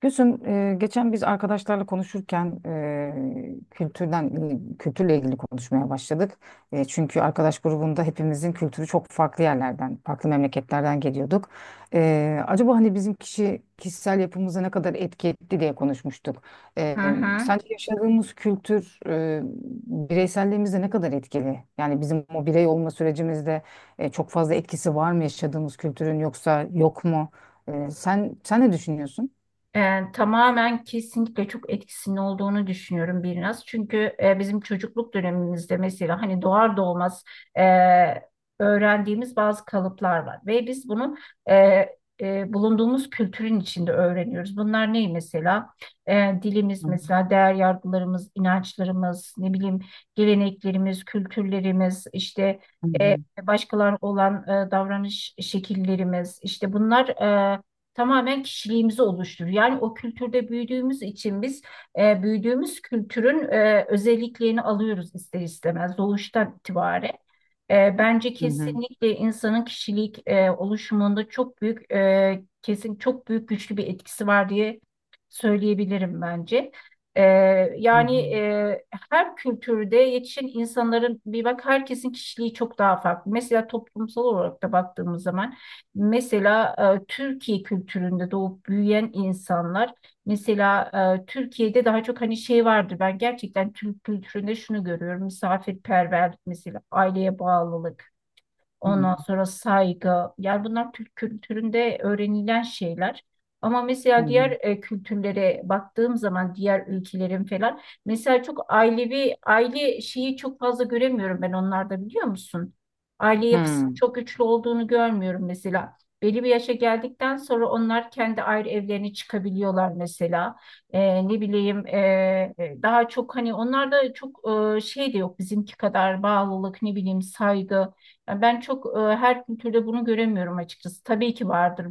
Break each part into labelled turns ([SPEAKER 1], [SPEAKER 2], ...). [SPEAKER 1] Gülsüm, geçen biz arkadaşlarla konuşurken kültürden kültürle ilgili konuşmaya başladık. E, çünkü arkadaş grubunda hepimizin kültürü çok farklı yerlerden, farklı memleketlerden geliyorduk. E, acaba hani bizim kişisel yapımıza ne kadar etki etti diye konuşmuştuk. E,
[SPEAKER 2] Hı hı.
[SPEAKER 1] sence yaşadığımız kültür, bireyselliğimize ne kadar etkili? Yani bizim o birey olma sürecimizde çok fazla etkisi var mı yaşadığımız kültürün yoksa yok mu? Sen ne düşünüyorsun?
[SPEAKER 2] Tamamen kesinlikle çok etkisinin olduğunu düşünüyorum biraz. Çünkü bizim çocukluk dönemimizde mesela hani doğar doğmaz e, öğrendiğimiz bazı kalıplar var. Ve biz bunu e, bulunduğumuz kültürün içinde öğreniyoruz. Bunlar ne mesela? Dilimiz mesela, değer yargılarımız, inançlarımız, ne bileyim, geleneklerimiz, kültürlerimiz, işte
[SPEAKER 1] Hı
[SPEAKER 2] e,
[SPEAKER 1] hı.
[SPEAKER 2] başkalarına olan davranış şekillerimiz, işte bunlar tamamen kişiliğimizi oluşturuyor. Yani o kültürde büyüdüğümüz için biz büyüdüğümüz kültürün özelliklerini alıyoruz ister istemez doğuştan itibaren. Bence
[SPEAKER 1] Hı hı.
[SPEAKER 2] kesinlikle insanın kişilik oluşumunda çok büyük, kesin çok büyük güçlü bir etkisi var diye söyleyebilirim bence. E,
[SPEAKER 1] Hı
[SPEAKER 2] Yani,
[SPEAKER 1] hı.
[SPEAKER 2] her kültürde yetişen insanların bir bak herkesin kişiliği çok daha farklı. Mesela toplumsal olarak da baktığımız zaman, mesela, Türkiye kültüründe doğup büyüyen insanlar. Mesela, Türkiye'de daha çok hani şey vardır. Ben gerçekten Türk kültüründe şunu görüyorum. Misafirperverlik mesela, aileye bağlılık.
[SPEAKER 1] Hı hı.
[SPEAKER 2] Ondan sonra saygı. Yani bunlar Türk kültüründe öğrenilen şeyler. Ama mesela diğer kültürlere baktığım zaman, diğer ülkelerin falan, mesela çok ailevi aile şeyi çok fazla göremiyorum ben onlarda, biliyor musun? Aile
[SPEAKER 1] Hı
[SPEAKER 2] yapısı
[SPEAKER 1] hı. Hı.
[SPEAKER 2] çok güçlü olduğunu görmüyorum mesela. Belli bir yaşa geldikten sonra onlar kendi ayrı evlerine çıkabiliyorlar mesela. Ne bileyim, daha çok hani onlarda çok, şey de yok bizimki kadar, bağlılık, ne bileyim, saygı. Yani ben çok, her kültürde bunu göremiyorum açıkçası. Tabii ki vardır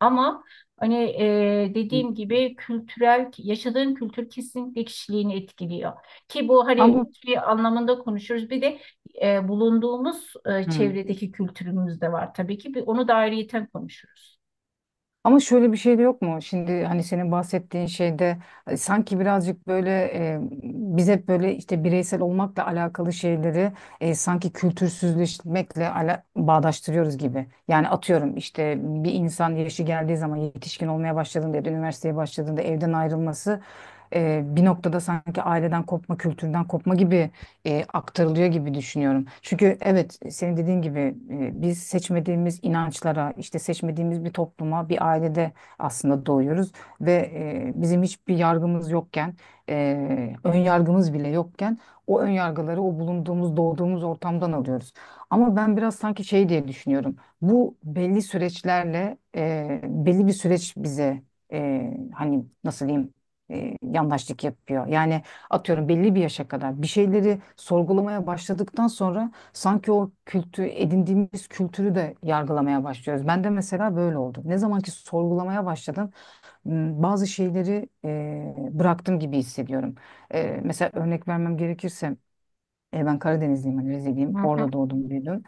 [SPEAKER 2] ama hani,
[SPEAKER 1] Hı.
[SPEAKER 2] dediğim gibi kültürel, yaşadığın kültür kesinlikle kişiliğini etkiliyor. Ki bu hani
[SPEAKER 1] Ama
[SPEAKER 2] bir anlamında konuşuruz. Bir de bulunduğumuz
[SPEAKER 1] hı.
[SPEAKER 2] çevredeki kültürümüz de var tabii ki. Bir, onu da ayrıyeten konuşuruz.
[SPEAKER 1] Ama şöyle bir şey de yok mu? Şimdi hani senin bahsettiğin şeyde sanki birazcık böyle, biz hep böyle işte bireysel olmakla alakalı şeyleri sanki kültürsüzleşmekle bağdaştırıyoruz gibi. Yani atıyorum işte bir insan yaşı geldiği zaman yetişkin olmaya başladığında ya da üniversiteye başladığında evden ayrılması bir noktada sanki aileden kopma, kültürden kopma gibi aktarılıyor gibi düşünüyorum. Çünkü evet senin dediğin gibi, biz seçmediğimiz inançlara, işte seçmediğimiz bir topluma, bir ailede aslında doğuyoruz ve bizim hiçbir yargımız yokken, ön yargımız bile yokken o ön yargıları o bulunduğumuz, doğduğumuz ortamdan alıyoruz. Ama ben biraz sanki şey diye düşünüyorum. Bu belli süreçlerle, belli bir süreç bize hani nasıl diyeyim yandaşlık yapıyor. Yani atıyorum belli bir yaşa kadar bir şeyleri sorgulamaya başladıktan sonra sanki o kültü edindiğimiz kültürü de yargılamaya başlıyoruz. Ben de mesela böyle oldu. Ne zaman ki sorgulamaya başladım, bazı şeyleri bıraktım gibi hissediyorum. E, mesela örnek vermem gerekirse, ben Karadenizliyim, hani
[SPEAKER 2] Hı
[SPEAKER 1] Rizeliyim.
[SPEAKER 2] hı,
[SPEAKER 1] Orada doğdum büyüdüm.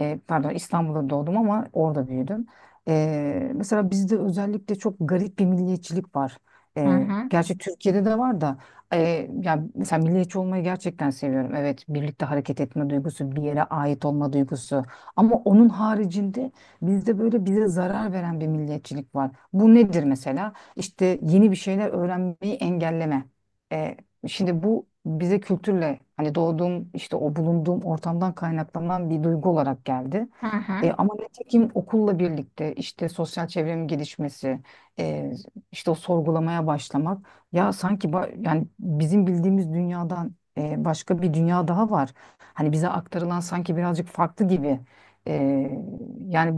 [SPEAKER 1] E, pardon, İstanbul'da doğdum ama orada büyüdüm. E, mesela bizde özellikle çok garip bir milliyetçilik var.
[SPEAKER 2] hı
[SPEAKER 1] E,
[SPEAKER 2] hı,
[SPEAKER 1] gerçi Türkiye'de de var da, e, yani mesela milliyetçi olmayı gerçekten seviyorum. Evet, birlikte hareket etme duygusu, bir yere ait olma duygusu. Ama onun haricinde bizde böyle bize zarar veren bir milliyetçilik var. Bu nedir mesela? İşte yeni bir şeyler öğrenmeyi engelleme. E, şimdi bu bize kültürle hani doğduğum işte o bulunduğum ortamdan kaynaklanan bir duygu olarak geldi.
[SPEAKER 2] hı hı.
[SPEAKER 1] E, ama nitekim okulla birlikte işte sosyal çevremin gelişmesi, e, işte o sorgulamaya başlamak, ya sanki yani bizim bildiğimiz dünyadan, başka bir dünya daha var. Hani bize aktarılan sanki birazcık farklı gibi. E, yani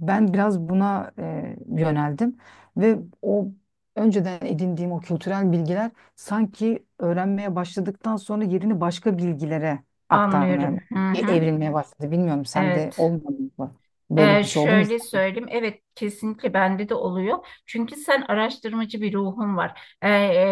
[SPEAKER 1] ben biraz buna yöneldim ve o önceden edindiğim o kültürel bilgiler sanki öğrenmeye başladıktan sonra yerini başka bilgilere aktarmaya,
[SPEAKER 2] Anlıyorum. Hı hı.
[SPEAKER 1] evrilmeye başladı. Bilmiyorum, sende
[SPEAKER 2] Evet.
[SPEAKER 1] olmadı mı? Böyle bir şey oldu mu hiç?
[SPEAKER 2] Şöyle söyleyeyim, evet kesinlikle bende de oluyor. Çünkü sen araştırmacı bir ruhun var. Ee,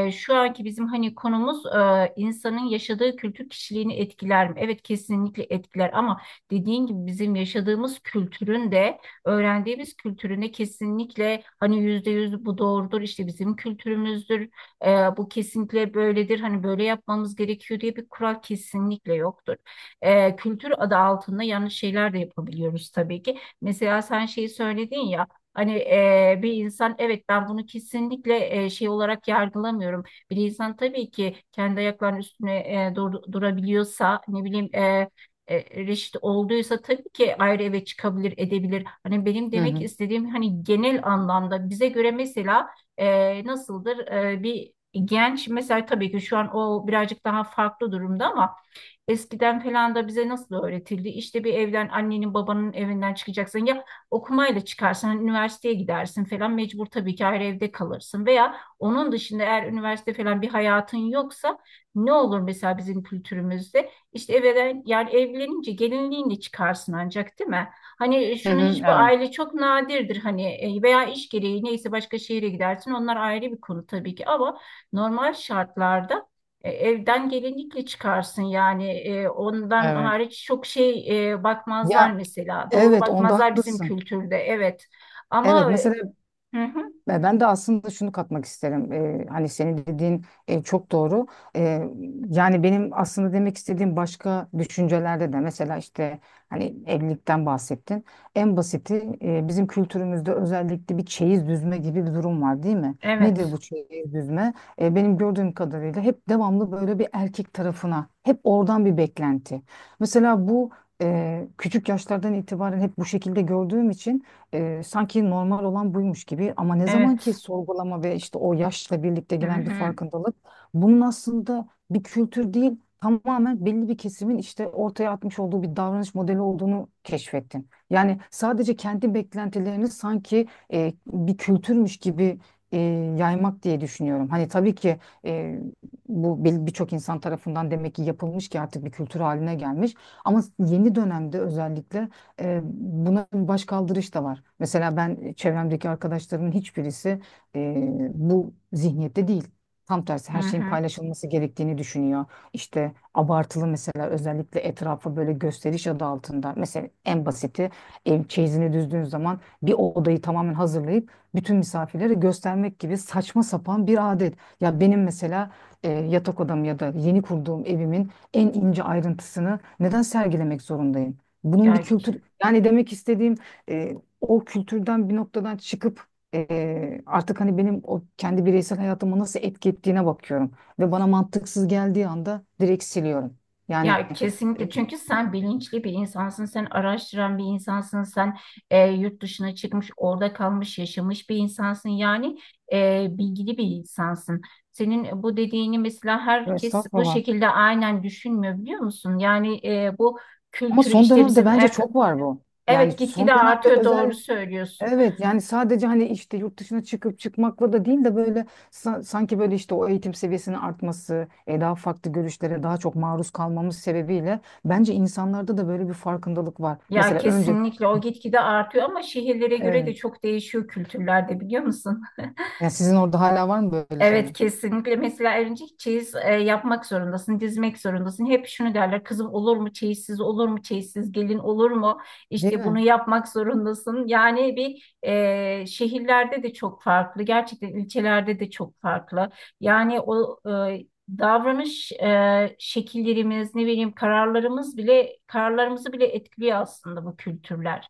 [SPEAKER 2] e, Şu anki bizim hani konumuz, insanın yaşadığı kültür kişiliğini etkiler mi? Evet kesinlikle etkiler ama dediğin gibi bizim yaşadığımız kültürün de, öğrendiğimiz kültürün de kesinlikle hani %100 bu doğrudur işte, bizim kültürümüzdür. Ee, Bu kesinlikle böyledir hani, böyle yapmamız gerekiyor diye bir kural kesinlikle yoktur. Kültür adı altında yanlış şeyler de yapabiliyoruz tabii ki. Mesela sen şeyi söyledin ya, hani bir insan, evet, ben bunu kesinlikle şey olarak yargılamıyorum. Bir insan tabii ki kendi ayaklarının üstüne, durabiliyorsa, ne bileyim, reşit olduysa tabii ki ayrı eve çıkabilir, edebilir. Hani benim
[SPEAKER 1] Hı
[SPEAKER 2] demek
[SPEAKER 1] hı.
[SPEAKER 2] istediğim, hani genel anlamda bize göre mesela, nasıldır, bir genç mesela, tabii ki şu an o birazcık daha farklı durumda ama eskiden falan da bize nasıl öğretildi? İşte bir evden, annenin babanın evinden çıkacaksın ya, okumayla çıkarsan üniversiteye gidersin falan, mecbur tabii ki ayrı evde kalırsın, veya onun dışında eğer üniversite falan bir hayatın yoksa ne olur mesela bizim kültürümüzde, işte evden yani, evlenince gelinliğinle çıkarsın ancak, değil mi? Hani
[SPEAKER 1] Hı
[SPEAKER 2] şunu
[SPEAKER 1] hı.
[SPEAKER 2] hiçbir
[SPEAKER 1] Evet.
[SPEAKER 2] aile, çok nadirdir hani, veya iş gereği neyse başka şehre gidersin, onlar ayrı bir konu tabii ki, ama normal şartlarda, evden gelinlikle çıkarsın yani. Ondan
[SPEAKER 1] Evet.
[SPEAKER 2] hariç çok şey, bakmazlar
[SPEAKER 1] Ya
[SPEAKER 2] mesela, doğru
[SPEAKER 1] evet, onda
[SPEAKER 2] bakmazlar bizim
[SPEAKER 1] haklısın.
[SPEAKER 2] kültürde, evet ama.
[SPEAKER 1] Evet mesela.
[SPEAKER 2] Hı hı,
[SPEAKER 1] Ve ben de aslında şunu katmak isterim. Hani senin dediğin çok doğru. Ee, yani benim aslında demek istediğim başka düşüncelerde de, mesela işte hani evlilikten bahsettin. En basiti, bizim kültürümüzde özellikle bir çeyiz düzme gibi bir durum var değil mi? Nedir
[SPEAKER 2] evet,
[SPEAKER 1] bu çeyiz düzme? Benim gördüğüm kadarıyla hep devamlı böyle bir erkek tarafına hep oradan bir beklenti. Mesela bu, küçük yaşlardan itibaren hep bu şekilde gördüğüm için sanki normal olan buymuş gibi, ama ne zaman ki
[SPEAKER 2] evet,
[SPEAKER 1] sorgulama ve işte o yaşla birlikte
[SPEAKER 2] hı
[SPEAKER 1] gelen bir
[SPEAKER 2] hı,
[SPEAKER 1] farkındalık, bunun aslında bir kültür değil, tamamen belli bir kesimin işte ortaya atmış olduğu bir davranış modeli olduğunu keşfettin. Yani sadece kendi beklentilerini sanki bir kültürmüş gibi e, yaymak diye düşünüyorum. Hani tabii ki e, bu birçok insan tarafından demek ki yapılmış ki artık bir kültür haline gelmiş. Ama yeni dönemde özellikle buna başkaldırış da var. Mesela ben çevremdeki arkadaşlarımın hiçbirisi e, bu zihniyette değil. Tam tersi,
[SPEAKER 2] hı
[SPEAKER 1] her şeyin
[SPEAKER 2] hı.
[SPEAKER 1] paylaşılması gerektiğini düşünüyor. İşte abartılı mesela, özellikle etrafa böyle gösteriş adı altında. Mesela en basiti, ev çeyizini düzdüğün zaman bir odayı tamamen hazırlayıp bütün misafirlere göstermek gibi saçma sapan bir adet. Ya benim mesela, yatak odam ya da yeni kurduğum evimin en ince ayrıntısını neden sergilemek zorundayım? Bunun bir
[SPEAKER 2] Ya
[SPEAKER 1] kültür, yani demek istediğim e, o kültürden bir noktadan çıkıp artık hani benim o kendi bireysel hayatıma nasıl etki ettiğine bakıyorum. Ve bana mantıksız geldiği anda direkt siliyorum. Yani
[SPEAKER 2] Ya kesinlikle, çünkü sen bilinçli bir insansın, sen araştıran bir insansın, sen yurt dışına çıkmış, orada kalmış, yaşamış bir insansın. Yani bilgili bir insansın. Senin bu dediğini mesela herkes bu
[SPEAKER 1] Estağfurullah.
[SPEAKER 2] şekilde aynen düşünmüyor, biliyor musun? Yani bu
[SPEAKER 1] Ama
[SPEAKER 2] kültürü
[SPEAKER 1] son
[SPEAKER 2] işte
[SPEAKER 1] dönemde
[SPEAKER 2] bizim
[SPEAKER 1] bence
[SPEAKER 2] ev,
[SPEAKER 1] çok var bu. Yani
[SPEAKER 2] evet
[SPEAKER 1] son
[SPEAKER 2] gitgide
[SPEAKER 1] dönemde
[SPEAKER 2] artıyor, doğru
[SPEAKER 1] özellikle
[SPEAKER 2] söylüyorsun.
[SPEAKER 1] evet. Yani sadece hani işte yurt dışına çıkıp çıkmakla da değil de böyle sanki böyle işte o eğitim seviyesinin artması, daha farklı görüşlere daha çok maruz kalmamız sebebiyle bence insanlarda da böyle bir farkındalık var.
[SPEAKER 2] Ya
[SPEAKER 1] Mesela önce
[SPEAKER 2] kesinlikle o gitgide artıyor, ama şehirlere göre de
[SPEAKER 1] evet.
[SPEAKER 2] çok değişiyor kültürlerde, biliyor musun?
[SPEAKER 1] Yani sizin orada hala var mı böyle
[SPEAKER 2] Evet
[SPEAKER 1] şeyler?
[SPEAKER 2] kesinlikle, mesela örümcek çeyiz yapmak zorundasın, dizmek zorundasın. Hep şunu derler, kızım olur mu çeyizsiz, olur mu çeyizsiz, gelin olur mu?
[SPEAKER 1] Değil
[SPEAKER 2] İşte bunu
[SPEAKER 1] mi?
[SPEAKER 2] yapmak zorundasın. Yani bir, şehirlerde de çok farklı, gerçekten ilçelerde de çok farklı. Yani o e, davranış şekillerimiz, ne bileyim kararlarımız bile, kararlarımızı bile etkiliyor aslında bu kültürler.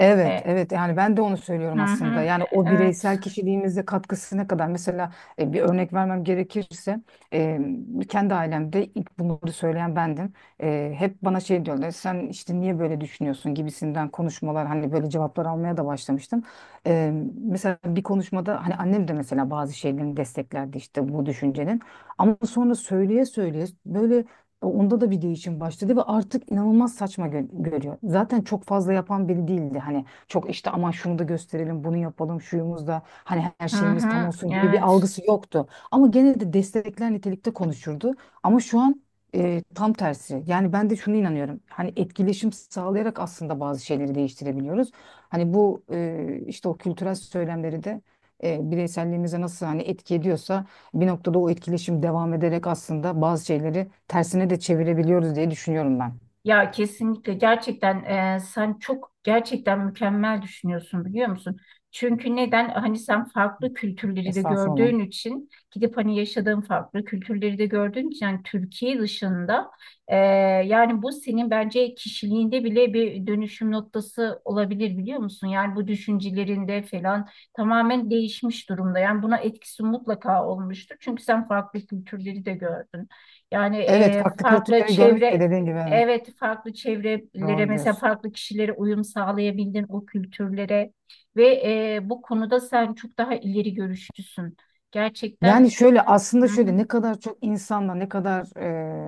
[SPEAKER 1] Evet,
[SPEAKER 2] E,
[SPEAKER 1] evet. Yani ben de onu
[SPEAKER 2] hı
[SPEAKER 1] söylüyorum aslında.
[SPEAKER 2] hı,
[SPEAKER 1] Yani o
[SPEAKER 2] evet,
[SPEAKER 1] bireysel kişiliğimize katkısı ne kadar? Mesela bir örnek vermem gerekirse, e, kendi ailemde ilk bunları söyleyen bendim. E, hep bana şey diyorlar, sen işte niye böyle düşünüyorsun gibisinden konuşmalar, hani böyle cevaplar almaya da başlamıştım. E, mesela bir konuşmada hani annem de mesela bazı şeylerini desteklerdi işte bu düşüncenin. Ama sonra söyleye söyleye böyle e, onda da video için başladı ve artık inanılmaz saçma görüyor. Zaten çok fazla yapan biri değildi. Hani çok işte aman şunu da gösterelim, bunu yapalım, şuyumuz da hani her
[SPEAKER 2] hı
[SPEAKER 1] şeyimiz tam
[SPEAKER 2] hı,
[SPEAKER 1] olsun gibi bir
[SPEAKER 2] evet.
[SPEAKER 1] algısı yoktu. Ama gene de destekler nitelikte konuşurdu. Ama şu an tam tersi. Yani ben de şunu inanıyorum. Hani etkileşim sağlayarak aslında bazı şeyleri değiştirebiliyoruz. Hani bu, işte o kültürel söylemleri de bireyselliğimize nasıl hani etki ediyorsa bir noktada o etkileşim devam ederek aslında bazı şeyleri tersine de çevirebiliyoruz diye düşünüyorum ben.
[SPEAKER 2] Ya kesinlikle gerçekten, sen çok gerçekten mükemmel düşünüyorsun, biliyor musun? Çünkü neden? Hani sen farklı kültürleri de
[SPEAKER 1] Estağfurullah.
[SPEAKER 2] gördüğün için, gidip hani yaşadığın farklı kültürleri de gördüğün için, yani Türkiye dışında, e, yani bu senin bence kişiliğinde bile bir dönüşüm noktası olabilir, biliyor musun? Yani bu düşüncelerinde falan tamamen değişmiş durumda. Yani buna etkisi mutlaka olmuştur. Çünkü sen farklı kültürleri de gördün. Yani
[SPEAKER 1] Evet,
[SPEAKER 2] e,
[SPEAKER 1] farklı
[SPEAKER 2] farklı
[SPEAKER 1] kültürleri görmek de
[SPEAKER 2] çevre
[SPEAKER 1] dediğin gibi, evet.
[SPEAKER 2] Evet, farklı çevrelere
[SPEAKER 1] Doğru
[SPEAKER 2] mesela,
[SPEAKER 1] diyorsun.
[SPEAKER 2] farklı kişilere uyum sağlayabildin, o kültürlere. Ve bu konuda sen çok daha ileri görüşlüsün. Gerçekten.
[SPEAKER 1] Yani şöyle
[SPEAKER 2] Hı
[SPEAKER 1] aslında,
[SPEAKER 2] hı.
[SPEAKER 1] şöyle ne kadar çok insanla ne kadar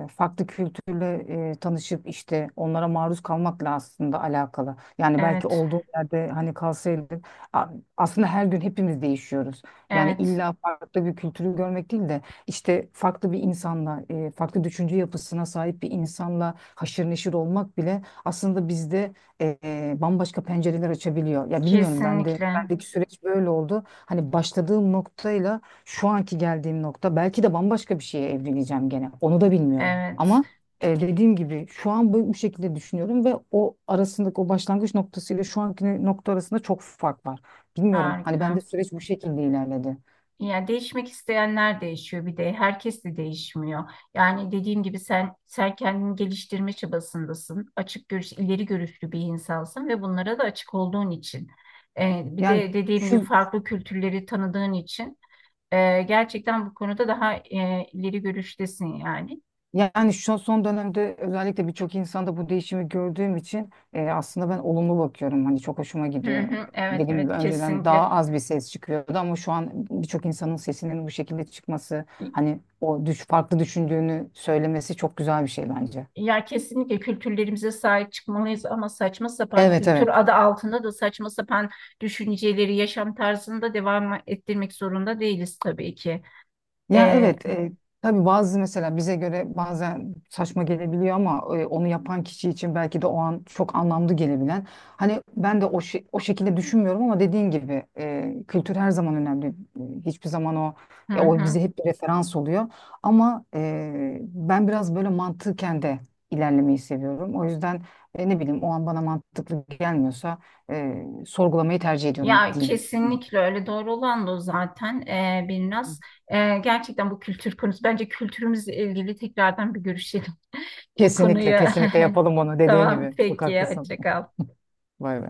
[SPEAKER 1] farklı kültürle tanışıp işte onlara maruz kalmakla aslında alakalı. Yani belki
[SPEAKER 2] Evet,
[SPEAKER 1] olduğum yerde hani kalsaydım, a- aslında her gün hepimiz değişiyoruz. Yani
[SPEAKER 2] evet,
[SPEAKER 1] illa farklı bir kültürü görmek değil de işte farklı bir insanla, farklı düşünce yapısına sahip bir insanla haşır neşir olmak bile aslında bizde bambaşka pencereler açabiliyor. Ya bilmiyorum, ben de
[SPEAKER 2] kesinlikle.
[SPEAKER 1] bendeki süreç böyle oldu. Hani başladığım noktayla şu anki geldiğim nokta, belki de bambaşka bir şeye evleneceğim gene. Onu da bilmiyorum.
[SPEAKER 2] Evet,
[SPEAKER 1] Ama dediğim gibi şu an bu, bu şekilde düşünüyorum ve o arasındaki o başlangıç noktası ile şu anki nokta arasında çok fark var. Bilmiyorum. Hani bende
[SPEAKER 2] harika.
[SPEAKER 1] süreç bu şekilde ilerledi.
[SPEAKER 2] Yani değişmek isteyenler değişiyor, bir de herkes de değişmiyor. Yani dediğim gibi, sen kendini geliştirme çabasındasın. Açık görüş, ileri görüşlü bir insansın ve bunlara da açık olduğun için. Bir
[SPEAKER 1] Yani
[SPEAKER 2] de dediğim gibi
[SPEAKER 1] şu
[SPEAKER 2] farklı kültürleri tanıdığın için, gerçekten bu konuda daha, ileri görüştesin yani.
[SPEAKER 1] Yani şu son dönemde özellikle birçok insanda bu değişimi gördüğüm için aslında ben olumlu bakıyorum. Hani çok hoşuma
[SPEAKER 2] Hı
[SPEAKER 1] gidiyor.
[SPEAKER 2] hı, evet,
[SPEAKER 1] Dediğim gibi
[SPEAKER 2] evet,
[SPEAKER 1] önceden
[SPEAKER 2] kesinlikle.
[SPEAKER 1] daha az bir ses çıkıyordu ama şu an birçok insanın sesinin bu şekilde çıkması, hani o düş farklı düşündüğünü söylemesi çok güzel bir şey bence.
[SPEAKER 2] Ya kesinlikle kültürlerimize sahip çıkmalıyız, ama saçma sapan
[SPEAKER 1] Evet, evet.
[SPEAKER 2] kültür adı altında da saçma sapan düşünceleri yaşam tarzında devam ettirmek zorunda değiliz tabii ki.
[SPEAKER 1] Ya
[SPEAKER 2] Ee,
[SPEAKER 1] evet, tabii bazı mesela bize göre bazen saçma gelebiliyor ama onu yapan kişi için belki de o an çok anlamlı gelebilen. Hani ben de o şekilde düşünmüyorum, ama dediğin gibi kültür her zaman önemli. E, hiçbir zaman o,
[SPEAKER 2] hı
[SPEAKER 1] ya o
[SPEAKER 2] hı.
[SPEAKER 1] bize hep bir referans oluyor. Ama ben biraz böyle mantıken de ilerlemeyi seviyorum. O yüzden ne bileyim o an bana mantıklı gelmiyorsa sorgulamayı tercih ediyorum
[SPEAKER 2] Ya
[SPEAKER 1] diyeyim.
[SPEAKER 2] kesinlikle, öyle doğru olan da o zaten, biraz. Gerçekten bu kültür konusu, bence kültürümüzle ilgili tekrardan bir görüşelim bu
[SPEAKER 1] Kesinlikle,
[SPEAKER 2] konuyu.
[SPEAKER 1] kesinlikle yapalım onu dediğin
[SPEAKER 2] Tamam
[SPEAKER 1] gibi. Çok
[SPEAKER 2] peki,
[SPEAKER 1] haklısın.
[SPEAKER 2] hoşça kal.
[SPEAKER 1] Vay be.